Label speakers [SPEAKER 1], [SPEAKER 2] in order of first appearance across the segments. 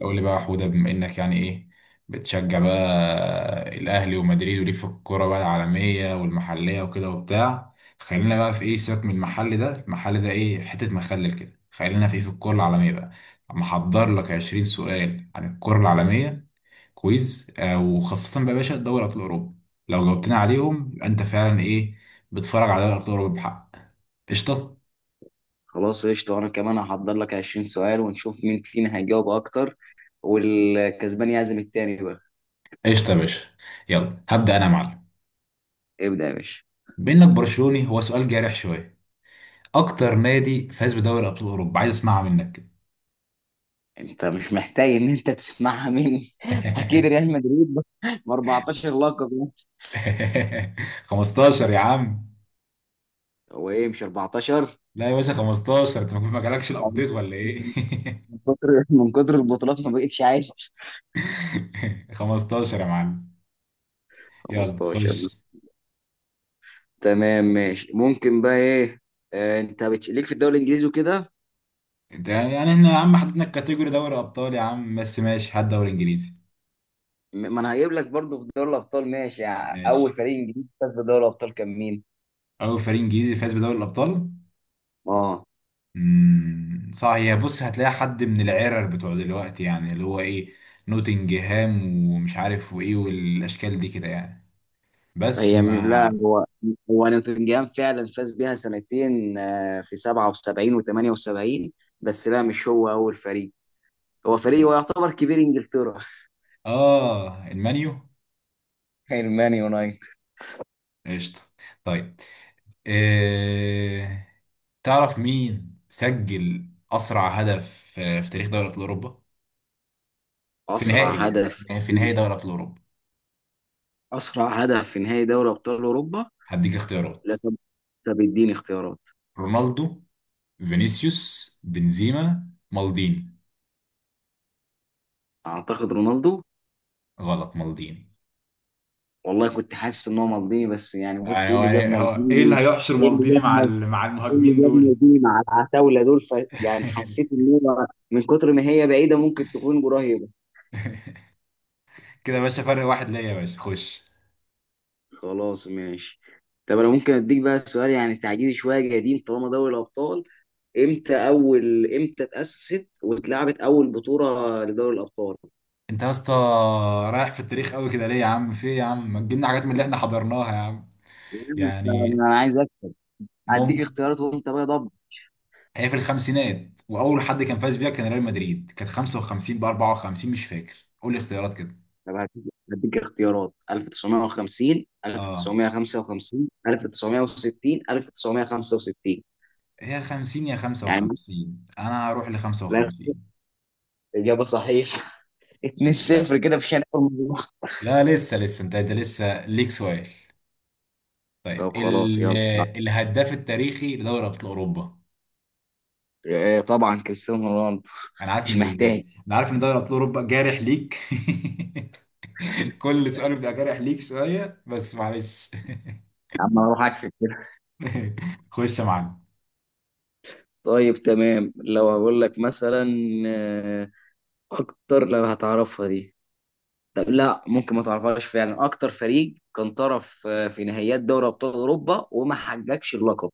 [SPEAKER 1] قول لي بقى يا حودة، بما انك يعني ايه، بتشجع بقى الاهلي ومدريد، وليك في الكوره بقى العالميه والمحليه وكده وبتاع. خلينا بقى في ايه، سيبك من المحل ده، المحل ده ايه، حته مخلل كده. خلينا في ايه، في الكوره العالميه بقى. محضر لك 20 سؤال عن الكوره العالميه، كويز. وخاصه بقى يا باشا دوري ابطال اوروبا. لو جاوبتنا عليهم يبقى انت فعلا ايه، بتتفرج على دوري ابطال اوروبا بحق. قشطه.
[SPEAKER 2] خلاص، قشطة. وأنا كمان هحضر لك 20 سؤال ونشوف مين فينا هيجاوب أكتر، والكسبان يعزم التاني بقى.
[SPEAKER 1] قشطه يا باشا، يلا هبدا انا يا معلم.
[SPEAKER 2] ابدأ يا باشا.
[SPEAKER 1] بانك برشلوني، هو سؤال جارح شويه. اكتر نادي فاز بدوري ابطال اوروبا، عايز اسمعها منك كده.
[SPEAKER 2] أنت مش محتاج إن أنت تسمعها مني أكيد ريال مدريد ب 14 لقب يعني.
[SPEAKER 1] 15 يا عم.
[SPEAKER 2] هو إيه، مش 14؟
[SPEAKER 1] لا يا باشا، 15، انت ما جالكش
[SPEAKER 2] من
[SPEAKER 1] الابديت ولا ايه؟
[SPEAKER 2] من كتر البطولات ما بقتش عايش.
[SPEAKER 1] 15 يا معلم، يلا
[SPEAKER 2] 15.
[SPEAKER 1] خش.
[SPEAKER 2] تمام، ماشي. ممكن بقى إيه؟ أنت ليك في الدوري الإنجليزي وكده.
[SPEAKER 1] انت يعني احنا يا عم حددنا الكاتيجوري دوري ابطال يا عم، بس ماشي، هات دوري انجليزي.
[SPEAKER 2] ما أنا هجيب لك برضه في دوري الأبطال. ماشي، يعني أول
[SPEAKER 1] ماشي.
[SPEAKER 2] فريق إنجليزي فاز بدوري الأبطال كان مين؟
[SPEAKER 1] اول فريق انجليزي فاز بدوري الابطال.
[SPEAKER 2] اه.
[SPEAKER 1] امم صح. هي بص، هتلاقي حد من العرر بتوع دلوقتي، يعني اللي هو ايه، نوتنجهام ومش عارف وايه والاشكال دي كده يعني. بس
[SPEAKER 2] هي م- لا
[SPEAKER 1] مع
[SPEAKER 2] هو نوتنجهام فعلا فاز بيها سنتين، في 77 و78. بس لا، مش هو اول فريق. هو فريق، هو يعتبر كبير انجلترا.
[SPEAKER 1] اه المانيو.
[SPEAKER 2] المان يونايتد.
[SPEAKER 1] قشطة. طيب. إيه... تعرف مين سجل أسرع هدف في تاريخ دوري أبطال أوروبا؟ في
[SPEAKER 2] اسرع
[SPEAKER 1] نهائي،
[SPEAKER 2] هدف
[SPEAKER 1] في نهائي دوري أبطال أوروبا.
[SPEAKER 2] اسرع هدف في نهائي دوري ابطال اوروبا.
[SPEAKER 1] هديك اختيارات:
[SPEAKER 2] لا، طب. اديني اختيارات.
[SPEAKER 1] رونالدو، فينيسيوس، بنزيما، مالديني.
[SPEAKER 2] اعتقد رونالدو.
[SPEAKER 1] غلط، مالديني.
[SPEAKER 2] والله كنت حاسس ان هو مالديني، بس يعني قلت
[SPEAKER 1] يعني
[SPEAKER 2] ايه
[SPEAKER 1] هو
[SPEAKER 2] اللي جاب
[SPEAKER 1] يعني هو ايه اللي
[SPEAKER 2] مالديني؟
[SPEAKER 1] هيحشر
[SPEAKER 2] ايه اللي
[SPEAKER 1] مالديني
[SPEAKER 2] جاب
[SPEAKER 1] مع
[SPEAKER 2] مال-
[SPEAKER 1] مع
[SPEAKER 2] ايه اللي
[SPEAKER 1] المهاجمين
[SPEAKER 2] جاب
[SPEAKER 1] دول.
[SPEAKER 2] مالديني مع العتاوله دول؟ يعني حسيت ان هو من كتر ما هي بعيده ممكن تكون قريبه.
[SPEAKER 1] كده يا باشا، فرق واحد ليا يا باشا، خش.
[SPEAKER 2] خلاص ماشي. طب انا ممكن اديك بقى السؤال، يعني تعجيزي شويه قديم طالما دوري الابطال. امتى اتاسست واتلعبت اول بطوله لدوري الابطال؟
[SPEAKER 1] انت يا اسطى رايح في التاريخ قوي كده ليه يا عم، في ايه يا عم، ما تجيبنا حاجات من اللي احنا حضرناها يا عم.
[SPEAKER 2] يعني
[SPEAKER 1] يعني
[SPEAKER 2] انا عايز اديك
[SPEAKER 1] ممكن.
[SPEAKER 2] اختيارات وانت بقى ضب.
[SPEAKER 1] هي في الخمسينات، واول حد كان فاز بيها كان ريال مدريد، كانت 55 ب 54، مش فاكر، قول لي اختيارات كده.
[SPEAKER 2] طب هديك، اختيارات: 1950،
[SPEAKER 1] اه،
[SPEAKER 2] 1955، 1960، 1965.
[SPEAKER 1] هي 50 يا
[SPEAKER 2] يعني
[SPEAKER 1] 55، انا هروح ل
[SPEAKER 2] لا،
[SPEAKER 1] 55.
[SPEAKER 2] اجابه صحيحه. 2-0
[SPEAKER 1] تسلم.
[SPEAKER 2] كده في شنو.
[SPEAKER 1] لا لسه لسه، انت لسه ليك سؤال. طيب
[SPEAKER 2] طب خلاص يلا.
[SPEAKER 1] الهداف التاريخي لدوري ابطال اوروبا.
[SPEAKER 2] طبعا كريستيانو رونالدو.
[SPEAKER 1] انا عارف
[SPEAKER 2] مش
[SPEAKER 1] ان ال-
[SPEAKER 2] محتاج.
[SPEAKER 1] انا عارف ان دوري ابطال اوروبا جارح ليك. كل سؤال بيبقى جارح ليك شوية بس معلش.
[SPEAKER 2] يا عم انا اروح اكشف كده.
[SPEAKER 1] خش يا معلم.
[SPEAKER 2] طيب، تمام. لو هقول لك مثلا آه، اكتر، لو هتعرفها دي. طب لا، ممكن ما تعرفهاش فعلا: اكتر فريق كان طرف في نهائيات دوري ابطال اوروبا وما حققش اللقب.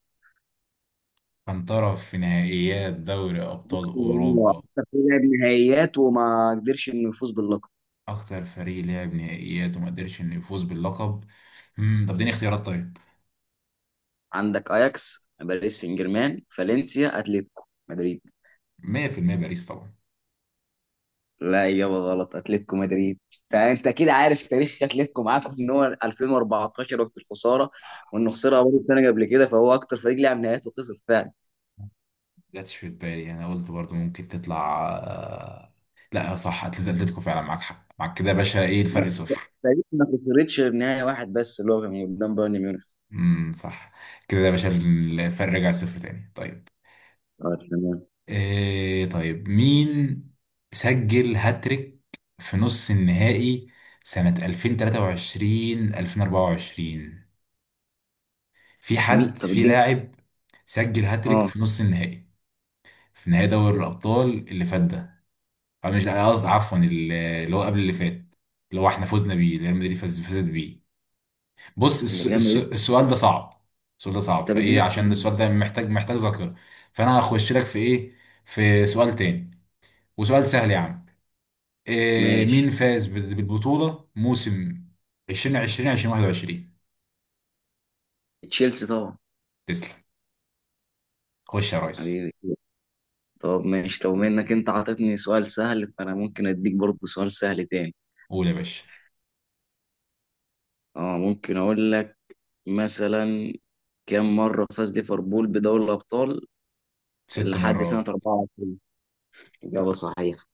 [SPEAKER 1] كان طرف في نهائيات دوري أبطال
[SPEAKER 2] الله.
[SPEAKER 1] أوروبا.
[SPEAKER 2] اكتر فريق لعب نهائيات وما قدرش انه يفوز باللقب.
[SPEAKER 1] أكتر فريق لعب نهائيات وما قدرش إنه يفوز باللقب. مم. طب اديني اختيارات طيب.
[SPEAKER 2] عندك اياكس، باريس سان جيرمان، فالنسيا، اتلتيكو مدريد.
[SPEAKER 1] 100%، باريس طبعا.
[SPEAKER 2] لا، إجابة غلط. أتلتيكو مدريد. أنت أكيد عارف تاريخ أتلتيكو معاكم، إن هو 2014 وقت الخسارة، وإنه خسرها برضه سنة قبل كده، فهو أكتر فريق لعب نهائيات وخسر فعلا.
[SPEAKER 1] ما جاتش في بالي، أنا قلت برضو ممكن تطلع. لا صح، أتلتيكو فعلا، معاك حق، معاك كده يا باشا، إيه
[SPEAKER 2] لا،
[SPEAKER 1] الفرق؟ صفر.
[SPEAKER 2] تقريبا ما خسرتش غير نهاية واحد بس اللي هو كان قدام بايرن ميونخ.
[SPEAKER 1] امم، صح. كده يا باشا الفرق رجع صفر تاني. طيب،
[SPEAKER 2] اه، تمام.
[SPEAKER 1] طيب، مين سجل هاتريك في نص النهائي سنة 2023 2024؟ في
[SPEAKER 2] مين؟
[SPEAKER 1] حد
[SPEAKER 2] طب
[SPEAKER 1] في
[SPEAKER 2] اديني.
[SPEAKER 1] لاعب سجل هاتريك
[SPEAKER 2] اه،
[SPEAKER 1] في نص النهائي، في نهائي دوري الأبطال اللي فات ده، أو مش، لا، قصدي عفوا، اللي هو قبل اللي فات، اللي هو احنا فزنا بيه، اللي ريال مدريد فاز فازت بيه. بص
[SPEAKER 2] اللي ريال مدريد.
[SPEAKER 1] السؤال ده صعب. السؤال ده صعب
[SPEAKER 2] طب اديني
[SPEAKER 1] فايه، عشان
[SPEAKER 2] اختيارات.
[SPEAKER 1] السؤال ده محتاج ذاكرة. فانا هخش لك في ايه، في سؤال تاني وسؤال سهل يا عم.
[SPEAKER 2] ماشي،
[SPEAKER 1] مين فاز بالبطولة موسم 2020 2021؟
[SPEAKER 2] تشيلسي طبعا.
[SPEAKER 1] تسلم، خش يا ريس.
[SPEAKER 2] حبيبي. طب ماشي. طب بما انك انت عطيتني سؤال سهل، فانا ممكن اديك برضه سؤال سهل تاني.
[SPEAKER 1] قول يا باشا.
[SPEAKER 2] اه، ممكن اقول لك مثلا: كام مرة فاز ليفربول بدوري الأبطال
[SPEAKER 1] ست
[SPEAKER 2] لحد سنة
[SPEAKER 1] مرات
[SPEAKER 2] 24؟ إجابة صحيحة.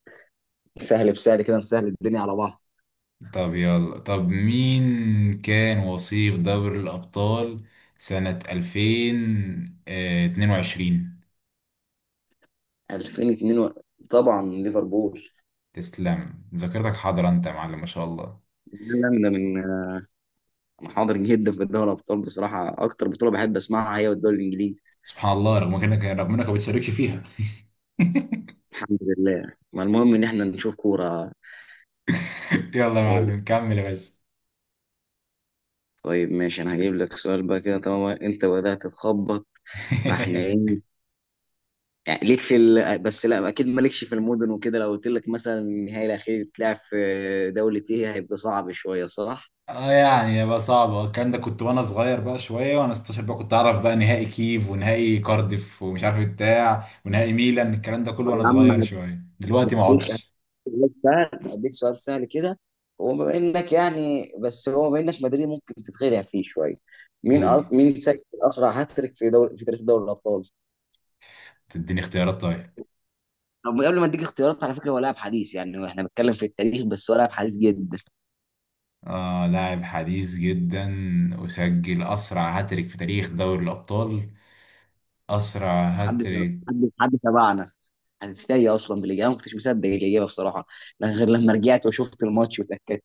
[SPEAKER 2] سهل بسهل كده نسهل الدنيا على بعض.
[SPEAKER 1] طب يلا، طب مين كان وصيف دوري الأبطال سنة 2022؟
[SPEAKER 2] 2002 طبعا ليفربول.
[SPEAKER 1] تسلم، ذاكرتك حاضرة أنت يا معلم، ما شاء الله.
[SPEAKER 2] لا لا، أنا من أنا حاضر جدا في دوري الأبطال. بصراحة أكتر بطولة بحب أسمعها هي الدوري الإنجليزي.
[SPEAKER 1] سبحان الله، رغم انك ما بتشاركش فيها.
[SPEAKER 2] الحمد لله. ما المهم إن إحنا نشوف كورة.
[SPEAKER 1] يلا يا معلم، كمل يا باشا.
[SPEAKER 2] طيب ماشي. أنا هجيب لك سؤال بقى كده طالما أنت بدأت تخبط، فإحنا إيه يعني ليك بس لا، اكيد مالكش في المدن وكده. لو قلت لك مثلا النهائي الاخير اتلعب في دولة ايه، هيبقى صعب شوية، صح؟
[SPEAKER 1] اه، يعني يبقى صعب الكلام ده، كنت وانا صغير بقى شويه، وانا 16 بقى كنت اعرف بقى نهائي كيف، ونهائي كارديف، ومش عارف بتاع، ونهائي ميلان، الكلام ده كله
[SPEAKER 2] طب يا
[SPEAKER 1] وانا
[SPEAKER 2] عم،
[SPEAKER 1] صغير شويه، دلوقتي ما
[SPEAKER 2] هديك
[SPEAKER 1] اقعدش.
[SPEAKER 2] هديك سؤال سهل كده. هو بما انك مدريد ممكن تتخدع فيه شويه.
[SPEAKER 1] قول.
[SPEAKER 2] مين سجل اسرع هاتريك في تاريخ دوري الابطال؟
[SPEAKER 1] تديني اختيارات طيب.
[SPEAKER 2] طب قبل ما اديك اختيارات، على فكره هو لاعب حديث، يعني احنا بنتكلم في التاريخ بس هو لاعب حديث جدا.
[SPEAKER 1] اه، لاعب حديث جدا، وسجل اسرع هاتريك في تاريخ دوري الابطال. اسرع
[SPEAKER 2] حد
[SPEAKER 1] هاتريك.
[SPEAKER 2] حد تبعنا. انا في تايه اصلا بالاجابه، ما كنتش مصدق الاجابه بصراحه، لا غير لما رجعت وشفت الماتش وتاكدت.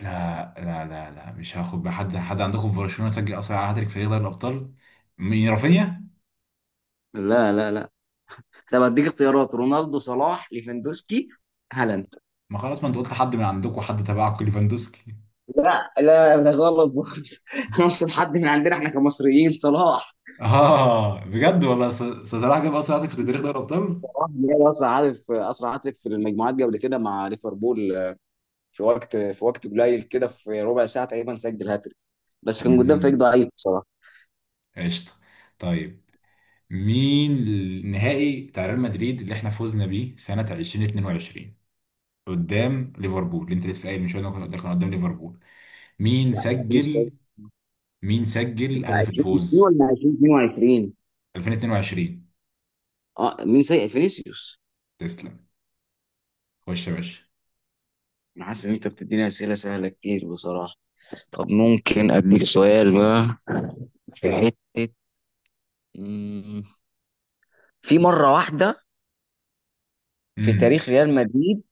[SPEAKER 1] لا لا لا لا، مش هاخد بحد، حد عندكم في برشلونه سجل اسرع هاتريك في تاريخ دوري الابطال. مين، رافينيا؟
[SPEAKER 2] لا لا لا. طب اديك اختيارات: رونالدو، صلاح، ليفاندوسكي، هالاند.
[SPEAKER 1] ما خلاص، ما انت قلت حد من عندكم، حد تبعكم، ليفاندوسكي.
[SPEAKER 2] لا لا، ده غلط برضه. انا اقصد حد من عندنا احنا كمصريين. صلاح.
[SPEAKER 1] اه بجد والله، صلاح جاب اصلا هدف في تاريخ دوري الابطال.
[SPEAKER 2] صلاح جاب اسرع هدف. في المجموعات قبل كده مع ليفربول، في وقت قليل كده، في ربع ساعه تقريبا سجل هاتريك. بس كان قدام فريق
[SPEAKER 1] امم.
[SPEAKER 2] ضعيف بصراحه.
[SPEAKER 1] قشطه. طيب. مين النهائي بتاع ريال مدريد اللي احنا فوزنا بيه سنه 2022، قدام ليفربول، اللي انت لسه قايل من شويه ده كان قدام ليفربول. مين
[SPEAKER 2] لا لا، فينيسيوس.
[SPEAKER 1] سجل مين سجل
[SPEAKER 2] انت
[SPEAKER 1] هدف
[SPEAKER 2] 20
[SPEAKER 1] الفوز؟
[SPEAKER 2] ولا 2022؟
[SPEAKER 1] 2022.
[SPEAKER 2] اه، مين سيء؟ فينيسيوس.
[SPEAKER 1] تسلم. خش يا باشا.
[SPEAKER 2] انا حاسس ان انت بتديني اسئله سهله كتير بصراحه. طب ممكن اديك سؤال بقى في حته، مم، في مره واحده في
[SPEAKER 1] امم.
[SPEAKER 2] تاريخ ريال مدريد،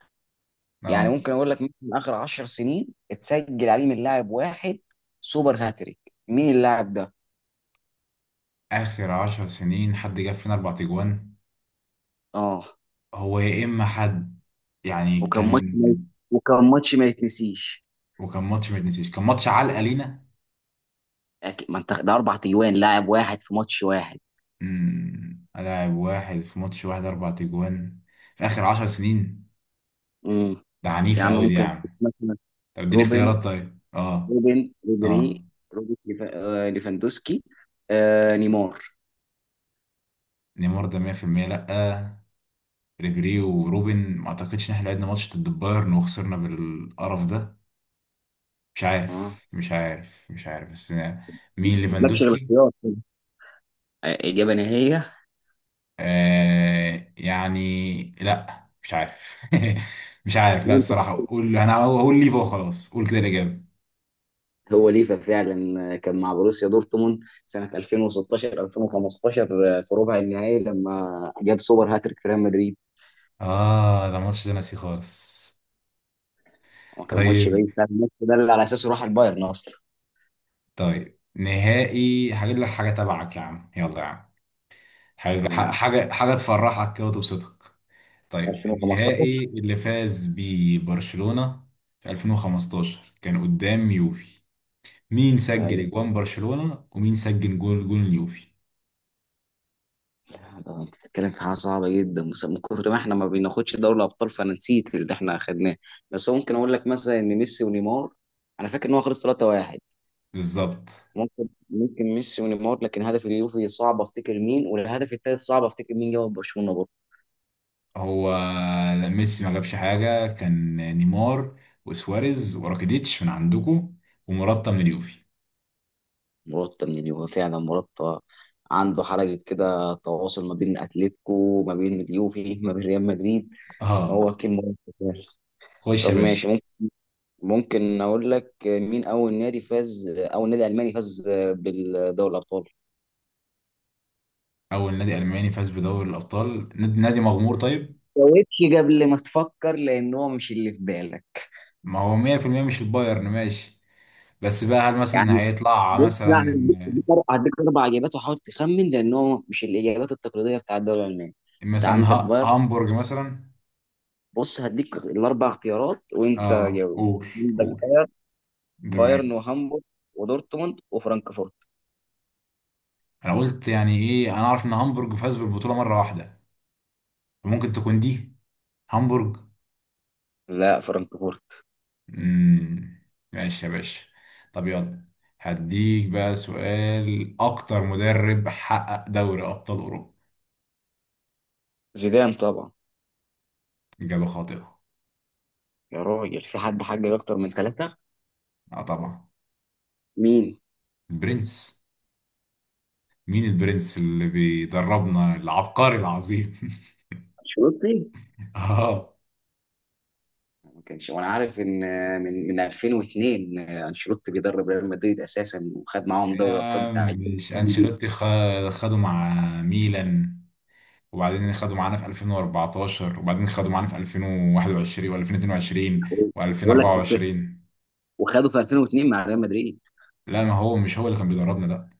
[SPEAKER 2] يعني
[SPEAKER 1] اه،
[SPEAKER 2] ممكن اقول لك، ممكن اخر 10 سنين اتسجل عليه من لاعب واحد سوبر هاتريك. مين اللاعب ده؟
[SPEAKER 1] اخر 10 سنين حد جاب فينا 4 تجوان،
[SPEAKER 2] اه.
[SPEAKER 1] هو يا اما حد يعني
[SPEAKER 2] وكان
[SPEAKER 1] كان،
[SPEAKER 2] ماتش ما وكان ماتش ما يتنسيش.
[SPEAKER 1] وكان ماتش ما يتنسيش، كان ماتش علقة لينا.
[SPEAKER 2] أكيد، ما انت ده اربع تجوان لاعب واحد في ماتش واحد.
[SPEAKER 1] لاعب واحد في ماتش واحد، 4 تجوان في اخر 10 سنين،
[SPEAKER 2] امم
[SPEAKER 1] ده
[SPEAKER 2] يا
[SPEAKER 1] عنيفة
[SPEAKER 2] عم،
[SPEAKER 1] قوي دي يا
[SPEAKER 2] ممكن
[SPEAKER 1] عم.
[SPEAKER 2] مثلا
[SPEAKER 1] طب اديني
[SPEAKER 2] روبن
[SPEAKER 1] اختيارات طيب. اه
[SPEAKER 2] روبن
[SPEAKER 1] اه،
[SPEAKER 2] ريبيري، روبرت ليفاندوسكي، نيمار.
[SPEAKER 1] نيمار ده 100% لا. ريبيري وروبن ما اعتقدش ان احنا لعبنا ماتش ضد البايرن وخسرنا بالقرف ده. مش
[SPEAKER 2] اه،
[SPEAKER 1] عارف مش عارف مش عارف، بس.
[SPEAKER 2] ما
[SPEAKER 1] مين،
[SPEAKER 2] جابلكش غير
[SPEAKER 1] ليفاندوسكي؟
[SPEAKER 2] اختيار. إجابة نهائية.
[SPEAKER 1] يعني لا، مش عارف. مش عارف، لا
[SPEAKER 2] وأنت.
[SPEAKER 1] الصراحة، قول، انا هقول ليفا وخلاص، قول كده الإجابة.
[SPEAKER 2] هو ليفا فعلا، كان مع بروسيا دورتموند سنة 2016 2015، في ربع النهائي لما جاب سوبر هاتريك في ريال مدريد.
[SPEAKER 1] اه، ده الماتش ده ناسي خالص.
[SPEAKER 2] وما كان ماتش
[SPEAKER 1] طيب
[SPEAKER 2] بعيد فعلا الماتش ده اللي على أساسه راح البايرن أصلا.
[SPEAKER 1] طيب نهائي هجيب لك حاجه تبعك يا عم، يلا يا عم، حاجه
[SPEAKER 2] يعني
[SPEAKER 1] حاجه حاجه تفرحك كده وتبسطك. طيب
[SPEAKER 2] 2015.
[SPEAKER 1] النهائي اللي فاز بيه برشلونه في 2015، كان قدام يوفي، مين سجل اجوان برشلونه، ومين سجل جول اليوفي؟
[SPEAKER 2] انت بتتكلم في حاجه صعبه جدا، بس من كتر ما احنا ما بناخدش دوري الابطال فانا نسيت اللي احنا اخدناه. بس ممكن اقول لك مثلا ان ميسي ونيمار، انا فاكر ان هو خلص 3-1.
[SPEAKER 1] بالظبط.
[SPEAKER 2] ممكن ميسي ونيمار، لكن هدف اليوفي صعب افتكر مين، والهدف الثالث صعب افتكر مين جاب برشلونه برضه.
[SPEAKER 1] هو، لا ميسي ما جابش حاجه، كان نيمار وسواريز وراكيديتش من عندكم، ومراتا من اليوفي.
[SPEAKER 2] مرتب من اليوفي، فعلا مرتب. عنده حركه كده، تواصل ما بين اتلتيكو، ما بين اليوفي، ما بين ريال مدريد.
[SPEAKER 1] اه،
[SPEAKER 2] هو كلمه.
[SPEAKER 1] خش
[SPEAKER 2] طب
[SPEAKER 1] يا باشا.
[SPEAKER 2] ماشي. ممكن اقول لك، مين اول نادي فاز اول نادي الماني فاز بالدوري الابطال.
[SPEAKER 1] أول نادي ألماني فاز بدوري الأبطال، نادي نادي مغمور طيب.
[SPEAKER 2] جاوبش قبل ما تفكر لان هو مش اللي في بالك.
[SPEAKER 1] ما هو 100% مش البايرن، ماشي، بس بقى هل مثلا
[SPEAKER 2] يعني
[SPEAKER 1] هيطلع
[SPEAKER 2] بص، لا
[SPEAKER 1] مثلا،
[SPEAKER 2] هديك، هديك اربع اجابات، وحاول تخمن لان هو مش الاجابات التقليديه بتاع الدوري الالماني. انت عندك بايرن.
[SPEAKER 1] هامبورج مثلا.
[SPEAKER 2] بص هديك الاربع اختيارات وانت
[SPEAKER 1] اه،
[SPEAKER 2] جاوب.
[SPEAKER 1] قول
[SPEAKER 2] عندك
[SPEAKER 1] قول.
[SPEAKER 2] بايرن
[SPEAKER 1] تمام.
[SPEAKER 2] وهامبورغ ودورتموند وفرانكفورت.
[SPEAKER 1] أنا قلت يعني إيه، أنا أعرف إن هامبورج فاز بالبطولة مرة واحدة، فممكن تكون دي، هامبورج.
[SPEAKER 2] لا، فرانكفورت.
[SPEAKER 1] مم. ماشي يا باشا. طب يلا، هديك بقى سؤال، أكتر مدرب حقق دوري أبطال أوروبا.
[SPEAKER 2] زيدان طبعا.
[SPEAKER 1] إجابة خاطئة.
[SPEAKER 2] يا راجل، في حد حاجه اكتر من ثلاثه؟
[SPEAKER 1] اه طبعا.
[SPEAKER 2] مين؟
[SPEAKER 1] برنس. مين البرنس اللي بيدربنا العبقري العظيم؟
[SPEAKER 2] انشيلوتي.
[SPEAKER 1] اه.
[SPEAKER 2] ما كانش، وانا عارف ان من 2002 انشيلوتي بيدرب ريال مدريد اساسا وخد معاهم
[SPEAKER 1] يا
[SPEAKER 2] دوري الابطال بتاع
[SPEAKER 1] عم،
[SPEAKER 2] الجيل
[SPEAKER 1] مش
[SPEAKER 2] الثاني دي.
[SPEAKER 1] انشيلوتي، خده مع ميلان، وبعدين خده معانا في 2014، وبعدين خده معانا في 2021 و2022
[SPEAKER 2] بقول لك
[SPEAKER 1] و2024.
[SPEAKER 2] وخده في 2002 مع ريال مدريد.
[SPEAKER 1] لا، ما هو مش هو اللي كان بيدربنا ده.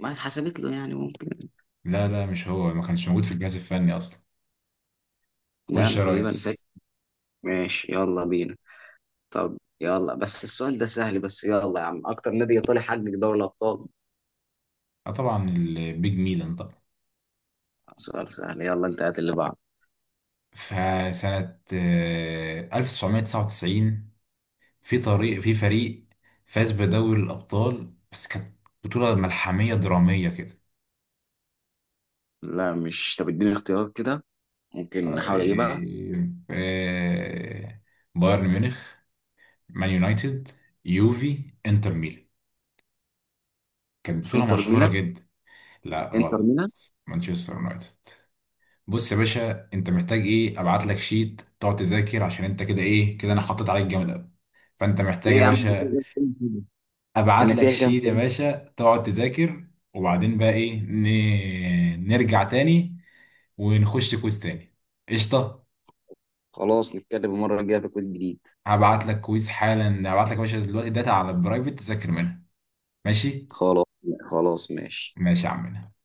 [SPEAKER 2] ما اتحسبت له يعني ممكن.
[SPEAKER 1] لا لا، مش هو، ما كانش موجود في الجهاز الفني اصلا.
[SPEAKER 2] ده
[SPEAKER 1] خش
[SPEAKER 2] أنا
[SPEAKER 1] يا
[SPEAKER 2] تقريبا فاكر.
[SPEAKER 1] ريس.
[SPEAKER 2] ماشي، يلا بينا. طب يلا، بس السؤال ده سهل بس، يلا يا عم: اكتر نادي ايطالي حقق دوري الابطال؟
[SPEAKER 1] اه طبعا البيج ميلان طبعا.
[SPEAKER 2] سؤال سهل، يلا انت هات اللي بعده.
[SPEAKER 1] فسنة 1999، في فريق فاز بدوري الأبطال، بس كانت بطولة ملحمية درامية كده.
[SPEAKER 2] لا مش، طب اديني اختيارات كده، ممكن نحاول اجيبها.
[SPEAKER 1] طيب بايرن ميونخ، مان يونايتد، يوفي، انتر ميلان. كانت بطولة
[SPEAKER 2] انتر
[SPEAKER 1] مشهورة
[SPEAKER 2] ميلان.
[SPEAKER 1] جدا. لا
[SPEAKER 2] انتر
[SPEAKER 1] غلط.
[SPEAKER 2] ميلان.
[SPEAKER 1] مانشستر يونايتد. بص يا باشا، انت محتاج ايه، ابعت لك شيت تقعد تذاكر، عشان انت كده ايه كده، انا حطيت عليك جامد قوي. فانت
[SPEAKER 2] ليه
[SPEAKER 1] محتاج يا
[SPEAKER 2] يا عم؟
[SPEAKER 1] باشا ابعت لك
[SPEAKER 2] النتيجه كام؟
[SPEAKER 1] شيت يا باشا تقعد تذاكر. وبعدين بقى ايه، نرجع تاني ونخش كويز تاني. قشطه.
[SPEAKER 2] خلاص نتكلم المرة الجاية في كويس جديد.
[SPEAKER 1] هبعت لك كويز حالا، هبعت لك يا باشا دلوقتي داتا على البرايفت تذاكر منها. ماشي.
[SPEAKER 2] خلاص، خلاص ماشي.
[SPEAKER 1] ماشي يا عمنا.